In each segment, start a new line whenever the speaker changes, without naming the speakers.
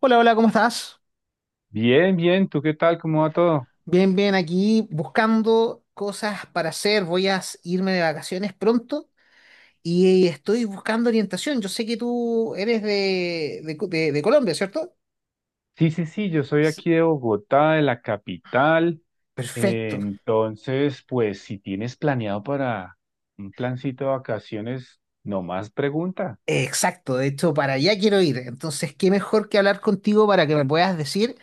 Hola, hola, ¿cómo estás?
Bien, bien, ¿tú qué tal? ¿Cómo va todo?
Bien, bien, aquí buscando cosas para hacer. Voy a irme de vacaciones pronto y estoy buscando orientación. Yo sé que tú eres de Colombia, ¿cierto?
Sí, sí, sí, yo soy aquí
Sí.
de Bogotá, de la capital.
Perfecto,
Entonces, pues si tienes planeado para un plancito de vacaciones, nomás pregunta.
exacto. De hecho, para allá quiero ir. Entonces, qué mejor que hablar contigo para que me puedas decir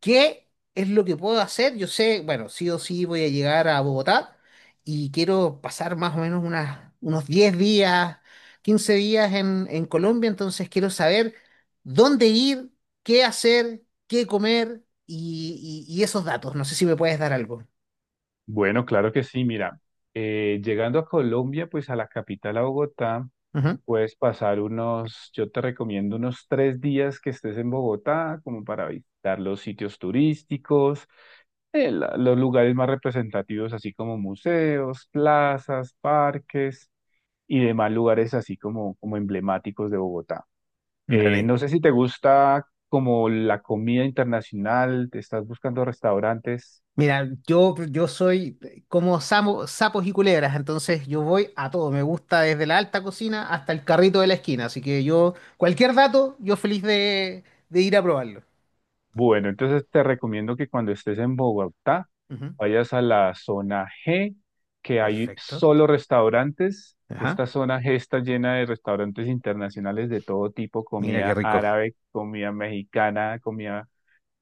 ¿qué es lo que puedo hacer? Yo sé, bueno, sí o sí voy a llegar a Bogotá y quiero pasar más o menos unas, unos 10 días, 15 días en Colombia, entonces quiero saber dónde ir, qué hacer, qué comer y esos datos. No sé si me puedes dar algo.
Bueno, claro que sí, mira, llegando a Colombia, pues a la capital, a Bogotá,
Ujú.
puedes pasar yo te recomiendo unos 3 días que estés en Bogotá, como para visitar los sitios turísticos, los lugares más representativos, así como museos, plazas, parques y demás lugares así como emblemáticos de Bogotá. Eh,
Dale.
no sé si te gusta como la comida internacional, te estás buscando restaurantes.
Mira, yo soy como sapos y culebras, entonces yo voy a todo. Me gusta desde la alta cocina hasta el carrito de la esquina. Así que yo, cualquier dato, yo feliz de ir a probarlo.
Bueno, entonces te recomiendo que cuando estés en Bogotá
Ujú.
vayas a la zona G, que hay
Perfecto.
solo restaurantes.
Ajá.
Esta zona G está llena de restaurantes internacionales de todo tipo,
Mira qué
comida
rico.
árabe, comida mexicana, comida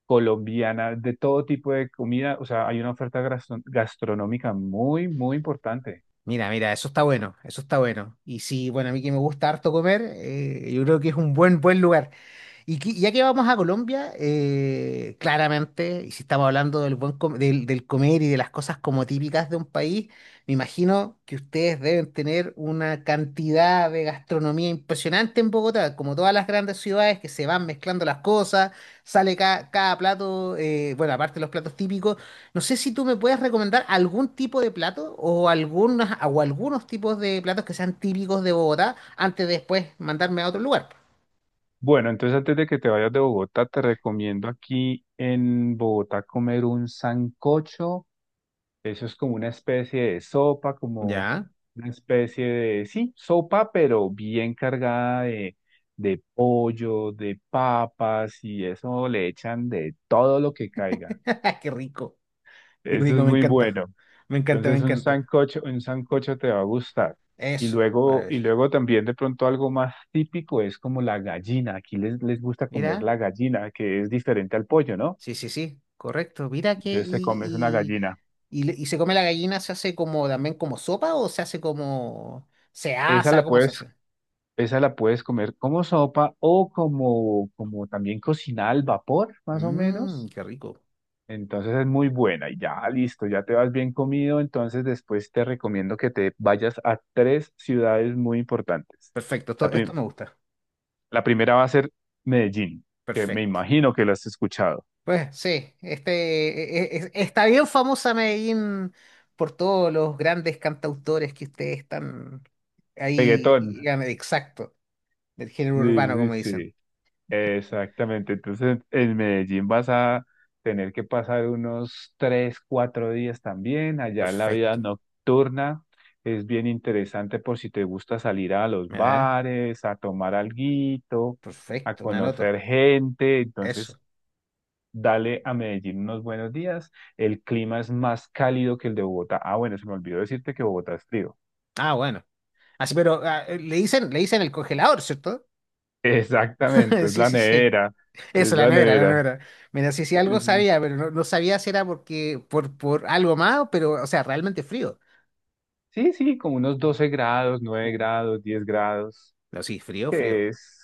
colombiana, de todo tipo de comida, o sea, hay una oferta gastronómica muy, muy importante.
Mira, mira, eso está bueno, eso está bueno. Y sí, bueno, a mí que me gusta harto comer, yo creo que es un buen, buen lugar. Ya que vamos a Colombia, claramente, y si estamos hablando del del comer y de las cosas como típicas de un país, me imagino que ustedes deben tener una cantidad de gastronomía impresionante en Bogotá, como todas las grandes ciudades que se van mezclando las cosas, sale cada plato, bueno, aparte de los platos típicos, no sé si tú me puedes recomendar algún tipo de plato o, algunas, o algunos tipos de platos que sean típicos de Bogotá antes de después mandarme a otro lugar.
Bueno, entonces antes de que te vayas de Bogotá, te recomiendo aquí en Bogotá comer un sancocho. Eso es como una especie de sopa, como
Ya.
una especie de, sí, sopa, pero bien cargada de pollo, de papas y eso le echan de todo lo que caiga.
Qué rico, qué
Eso
rico,
es
me
muy
encanta.
bueno.
Me encanta, me
Entonces
encanta.
un sancocho te va a gustar.
Eso,
Y
maravilloso.
luego también de pronto algo más típico es como la gallina. Aquí les, les gusta comer
Mira,
la gallina, que es diferente al pollo, ¿no?
sí, sí, sí, correcto. Mira que
Entonces te comes una gallina.
y se come la gallina, se hace como también como sopa o se hace como se
Esa
asa,
la
¿cómo se
puedes,
hace?
esa la puedes comer como sopa o como, como también cocinada al vapor, más o
Mmm,
menos.
qué rico.
Entonces es muy buena y ya listo, ya te vas bien comido. Entonces después te recomiendo que te vayas a tres ciudades muy importantes.
Perfecto, esto,
La,
esto
prim-
me gusta.
La primera va a ser Medellín, que me
Perfecto.
imagino que lo has escuchado.
Pues sí, este está bien famosa Medellín por todos los grandes cantautores que ustedes están ahí.
Reggaetón.
Exacto. Del género
Sí,
urbano,
sí,
como dicen.
sí. Exactamente. Entonces, en Medellín vas a tener que pasar unos 3, 4 días también. Allá la vida
Perfecto.
nocturna es bien interesante por si te gusta salir a los
Mira, ¿eh?
bares, a tomar alguito, a
Perfecto, me anoto.
conocer gente.
Eso.
Entonces, dale a Medellín unos buenos días. El clima es más cálido que el de Bogotá. Ah, bueno, se me olvidó decirte que Bogotá es frío.
Ah, bueno. Así, pero le dicen el congelador, ¿cierto?
Exactamente, es
Sí,
la
sí, sí.
nevera,
Eso,
es
la
la
nevera, la
nevera.
nevera. Mira, sí, sí, algo
Es-
sabía, pero no, no sabía si era porque, por algo más, pero, o sea, realmente frío.
sí, sí, como unos
Oh,
12 grados, nueve
uh.
grados, 10 grados,
No, sí, frío, frío.
que es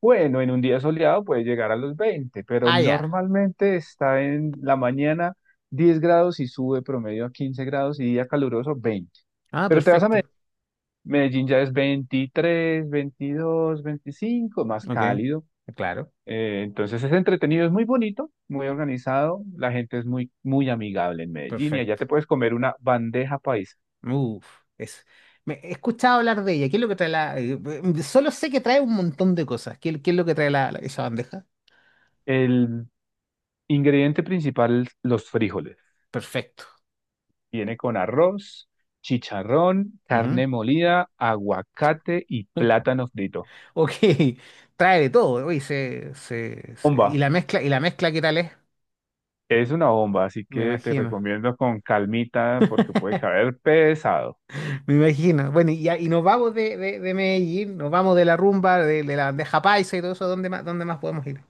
bueno, en un día soleado puede llegar a los 20, pero
Ah, ya.
normalmente está en la mañana 10 grados y sube promedio a 15 grados y día caluroso 20.
Ah,
Pero te vas a Medellín,
perfecto.
Medellín ya es 23, 22, 25, más
Ok.
cálido.
Claro,
Entonces es entretenido, es muy bonito, muy organizado, la gente es muy, muy amigable en Medellín y allá
perfecto.
te puedes comer una bandeja paisa.
Uf, es, me, he escuchado hablar de ella. ¿Qué es lo que trae la...? Solo sé que trae un montón de cosas. ¿Qué, qué es lo que trae esa bandeja?
El ingrediente principal, los frijoles.
Perfecto.
Viene con arroz, chicharrón,
Ujú.
carne molida, aguacate y plátano frito.
Ok, trae de todo. Uy, y
Bomba,
la mezcla, y la mezcla, ¿qué tal es?
es una bomba, así
Me
que te
imagino.
recomiendo con calmita porque puede caer pesado.
Me imagino. Bueno, y nos vamos de Medellín, nos vamos de la rumba, de la bandeja paisa y todo eso. Dónde más podemos ir?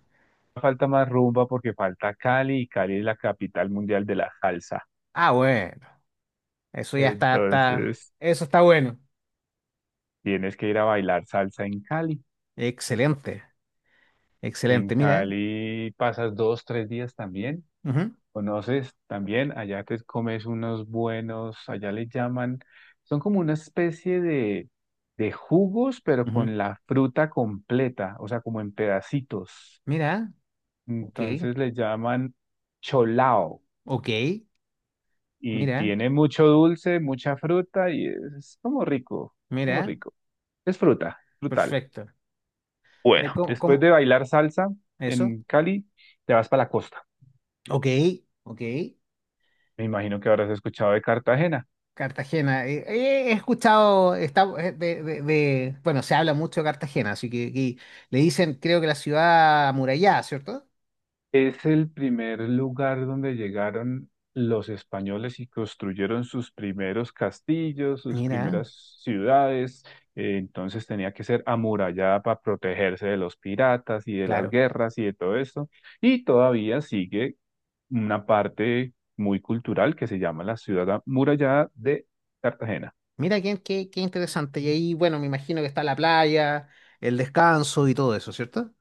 Falta más rumba porque falta Cali y Cali es la capital mundial de la salsa.
Ah, bueno. Eso ya está, está...
Entonces...
Eso está bueno.
Tienes que ir a bailar salsa en Cali.
Excelente.
En
Excelente, mira. ¿Eh?
Cali pasas 2, 3 días también.
Ujú,
Conoces también, allá te comes unos buenos, allá le llaman, son como una especie de jugos, pero
ujú.
con la fruta completa, o sea, como en pedacitos.
Mira, ok,
Entonces le llaman cholao
ok,
y
mira,
tiene mucho dulce, mucha fruta y es como rico, como
mira,
rico. Es fruta, frutal.
perfecto. Eh,
Bueno,
¿cómo,
después de
cómo-
bailar salsa
Eso,
en Cali, te vas para la costa.
ok, ok.
Me imagino que habrás escuchado de Cartagena.
Cartagena, he escuchado, está, bueno, se habla mucho de Cartagena, así que aquí le dicen, creo que la ciudad amurallada, ¿cierto?
Es el primer lugar donde llegaron los españoles y construyeron sus primeros castillos, sus
Mira,
primeras ciudades. Entonces tenía que ser amurallada para protegerse de los piratas y de las
claro.
guerras y de todo esto. Y todavía sigue una parte muy cultural que se llama la ciudad amurallada de Cartagena.
Mira qué, qué, qué interesante. Y ahí, bueno, me imagino que está la playa, el descanso y todo eso, ¿cierto?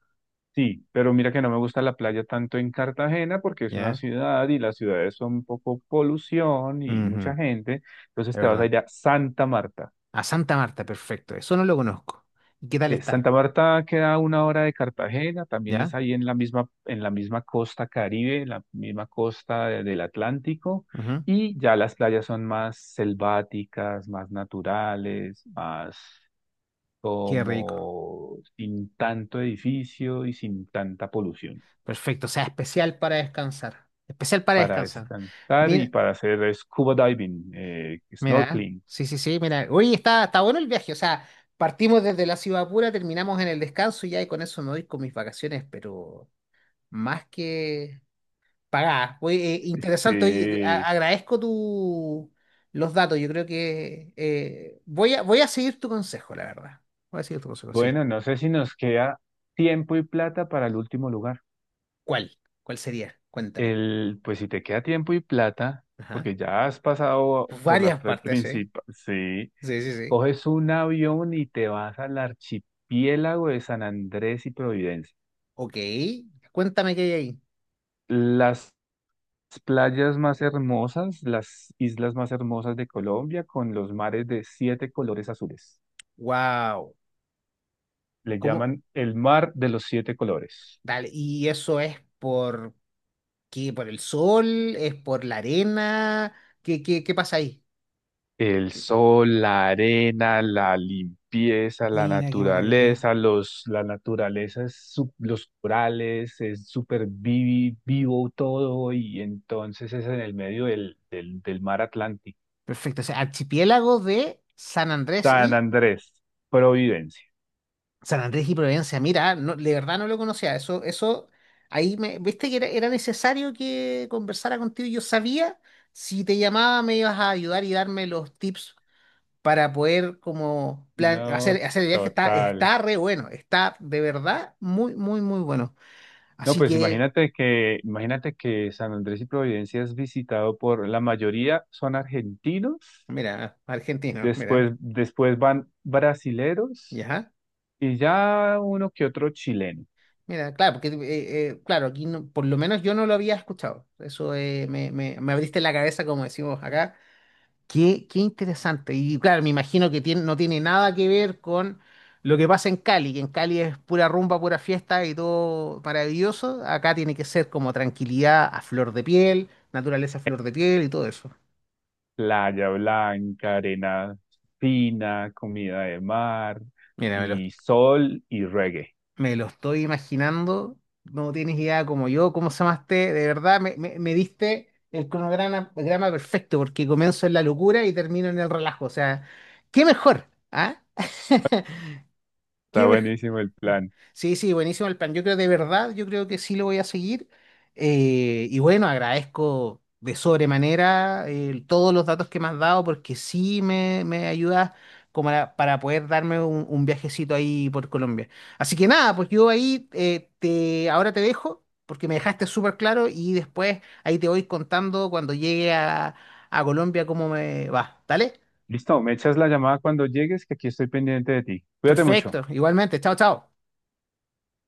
Sí, pero mira que no me gusta la playa tanto en Cartagena porque es una
Ya,
ciudad y las ciudades son un poco polución y
ujú,
mucha gente. Entonces
de
te vas a
verdad.
ir a Santa Marta.
A Santa Marta, perfecto. Eso no lo conozco. ¿Y qué tal está?
Santa Marta queda a 1 hora de Cartagena, también es
¿Ya?
ahí en la misma costa Caribe, en la misma costa del Atlántico,
Ujú.
y ya las playas son más selváticas, más naturales, más
Qué rico.
como sin tanto edificio y sin tanta polución.
Perfecto. O sea, especial para descansar. Especial para
Para
descansar.
estantar y
Mira,
para hacer scuba diving,
mira.
snorkeling.
Sí, sí, sí, mira. Oye, está, está bueno el viaje. O sea, partimos desde la ciudad pura, terminamos en el descanso y ya y con eso me voy con mis vacaciones, pero más que pagadas. Oye, interesante. Oye,
Eh,
agradezco tu, los datos. Yo creo que voy a, voy a seguir tu consejo, la verdad. Voy a seguir tu consejo, sí.
bueno, no sé si nos queda tiempo y plata para el último lugar.
¿Cuál? ¿Cuál sería? Cuéntame.
Pues si te queda tiempo y plata,
Ajá.
porque ya has pasado por las
Varias partes, ¿eh?
principales, sí,
Sí, sí, sí.
coges un avión y te vas al archipiélago de San Andrés y Providencia.
Ok, cuéntame qué hay ahí.
Las playas más hermosas, las islas más hermosas de Colombia, con los mares de siete colores azules.
Wow,
Le
¿cómo?
llaman el mar de los siete colores.
Dale, ¿y eso es por qué? ¿Por el sol? ¿Es por la arena? ¿Qué, qué, qué pasa ahí?
El sol, la arena, la limpieza, la
Mira qué maravilla.
naturaleza, es los corales, es súper vivo todo y entonces es en el medio del mar Atlántico.
Perfecto, o sea, archipiélago de
San Andrés, Providencia.
San Andrés y Providencia. Mira, no, de verdad no lo conocía. Eso, ahí me, viste que era, era necesario que conversara contigo. Yo sabía si te llamaba me ibas a ayudar y darme los tips para poder como plan
No,
hacer, hacer el viaje está,
total.
está re bueno, está de verdad muy, muy, muy bueno.
No,
Así
pues
que,
imagínate que San Andrés y Providencia es visitado por la mayoría son argentinos.
mira, argentino, mira,
Después van brasileros
ya,
y ya uno que otro chileno.
mira, claro, porque claro, aquí por lo menos yo no lo había escuchado. Eso me abriste la cabeza, como decimos acá. Qué, qué interesante. Y claro, me imagino que no tiene nada que ver con lo que pasa en Cali, que en Cali es pura rumba, pura fiesta y todo maravilloso. Acá tiene que ser como tranquilidad a flor de piel, naturaleza a flor de piel y todo eso.
Playa blanca, arena fina, comida de mar
Mira,
y sol y reggae.
me lo estoy imaginando. No tienes idea como yo, cómo se llamaste. De verdad, me diste el cronograma perfecto, porque comienzo en la locura y termino en el relajo. O sea, qué mejor, ¿ah?
Está
¿Qué mejor?
buenísimo el plan.
Sí, sí, buenísimo el plan. Yo creo de verdad, yo creo que sí lo voy a seguir. Y bueno, agradezco de sobremanera todos los datos que me has dado porque sí me ayudas como para poder darme un viajecito ahí por Colombia. Así que nada, pues yo ahí ahora te dejo porque me dejaste súper claro y después ahí te voy contando cuando llegue a Colombia cómo me va. ¿Dale?
Listo, me echas la llamada cuando llegues, que aquí estoy pendiente de ti. Cuídate mucho.
Perfecto, igualmente. Chao, chao.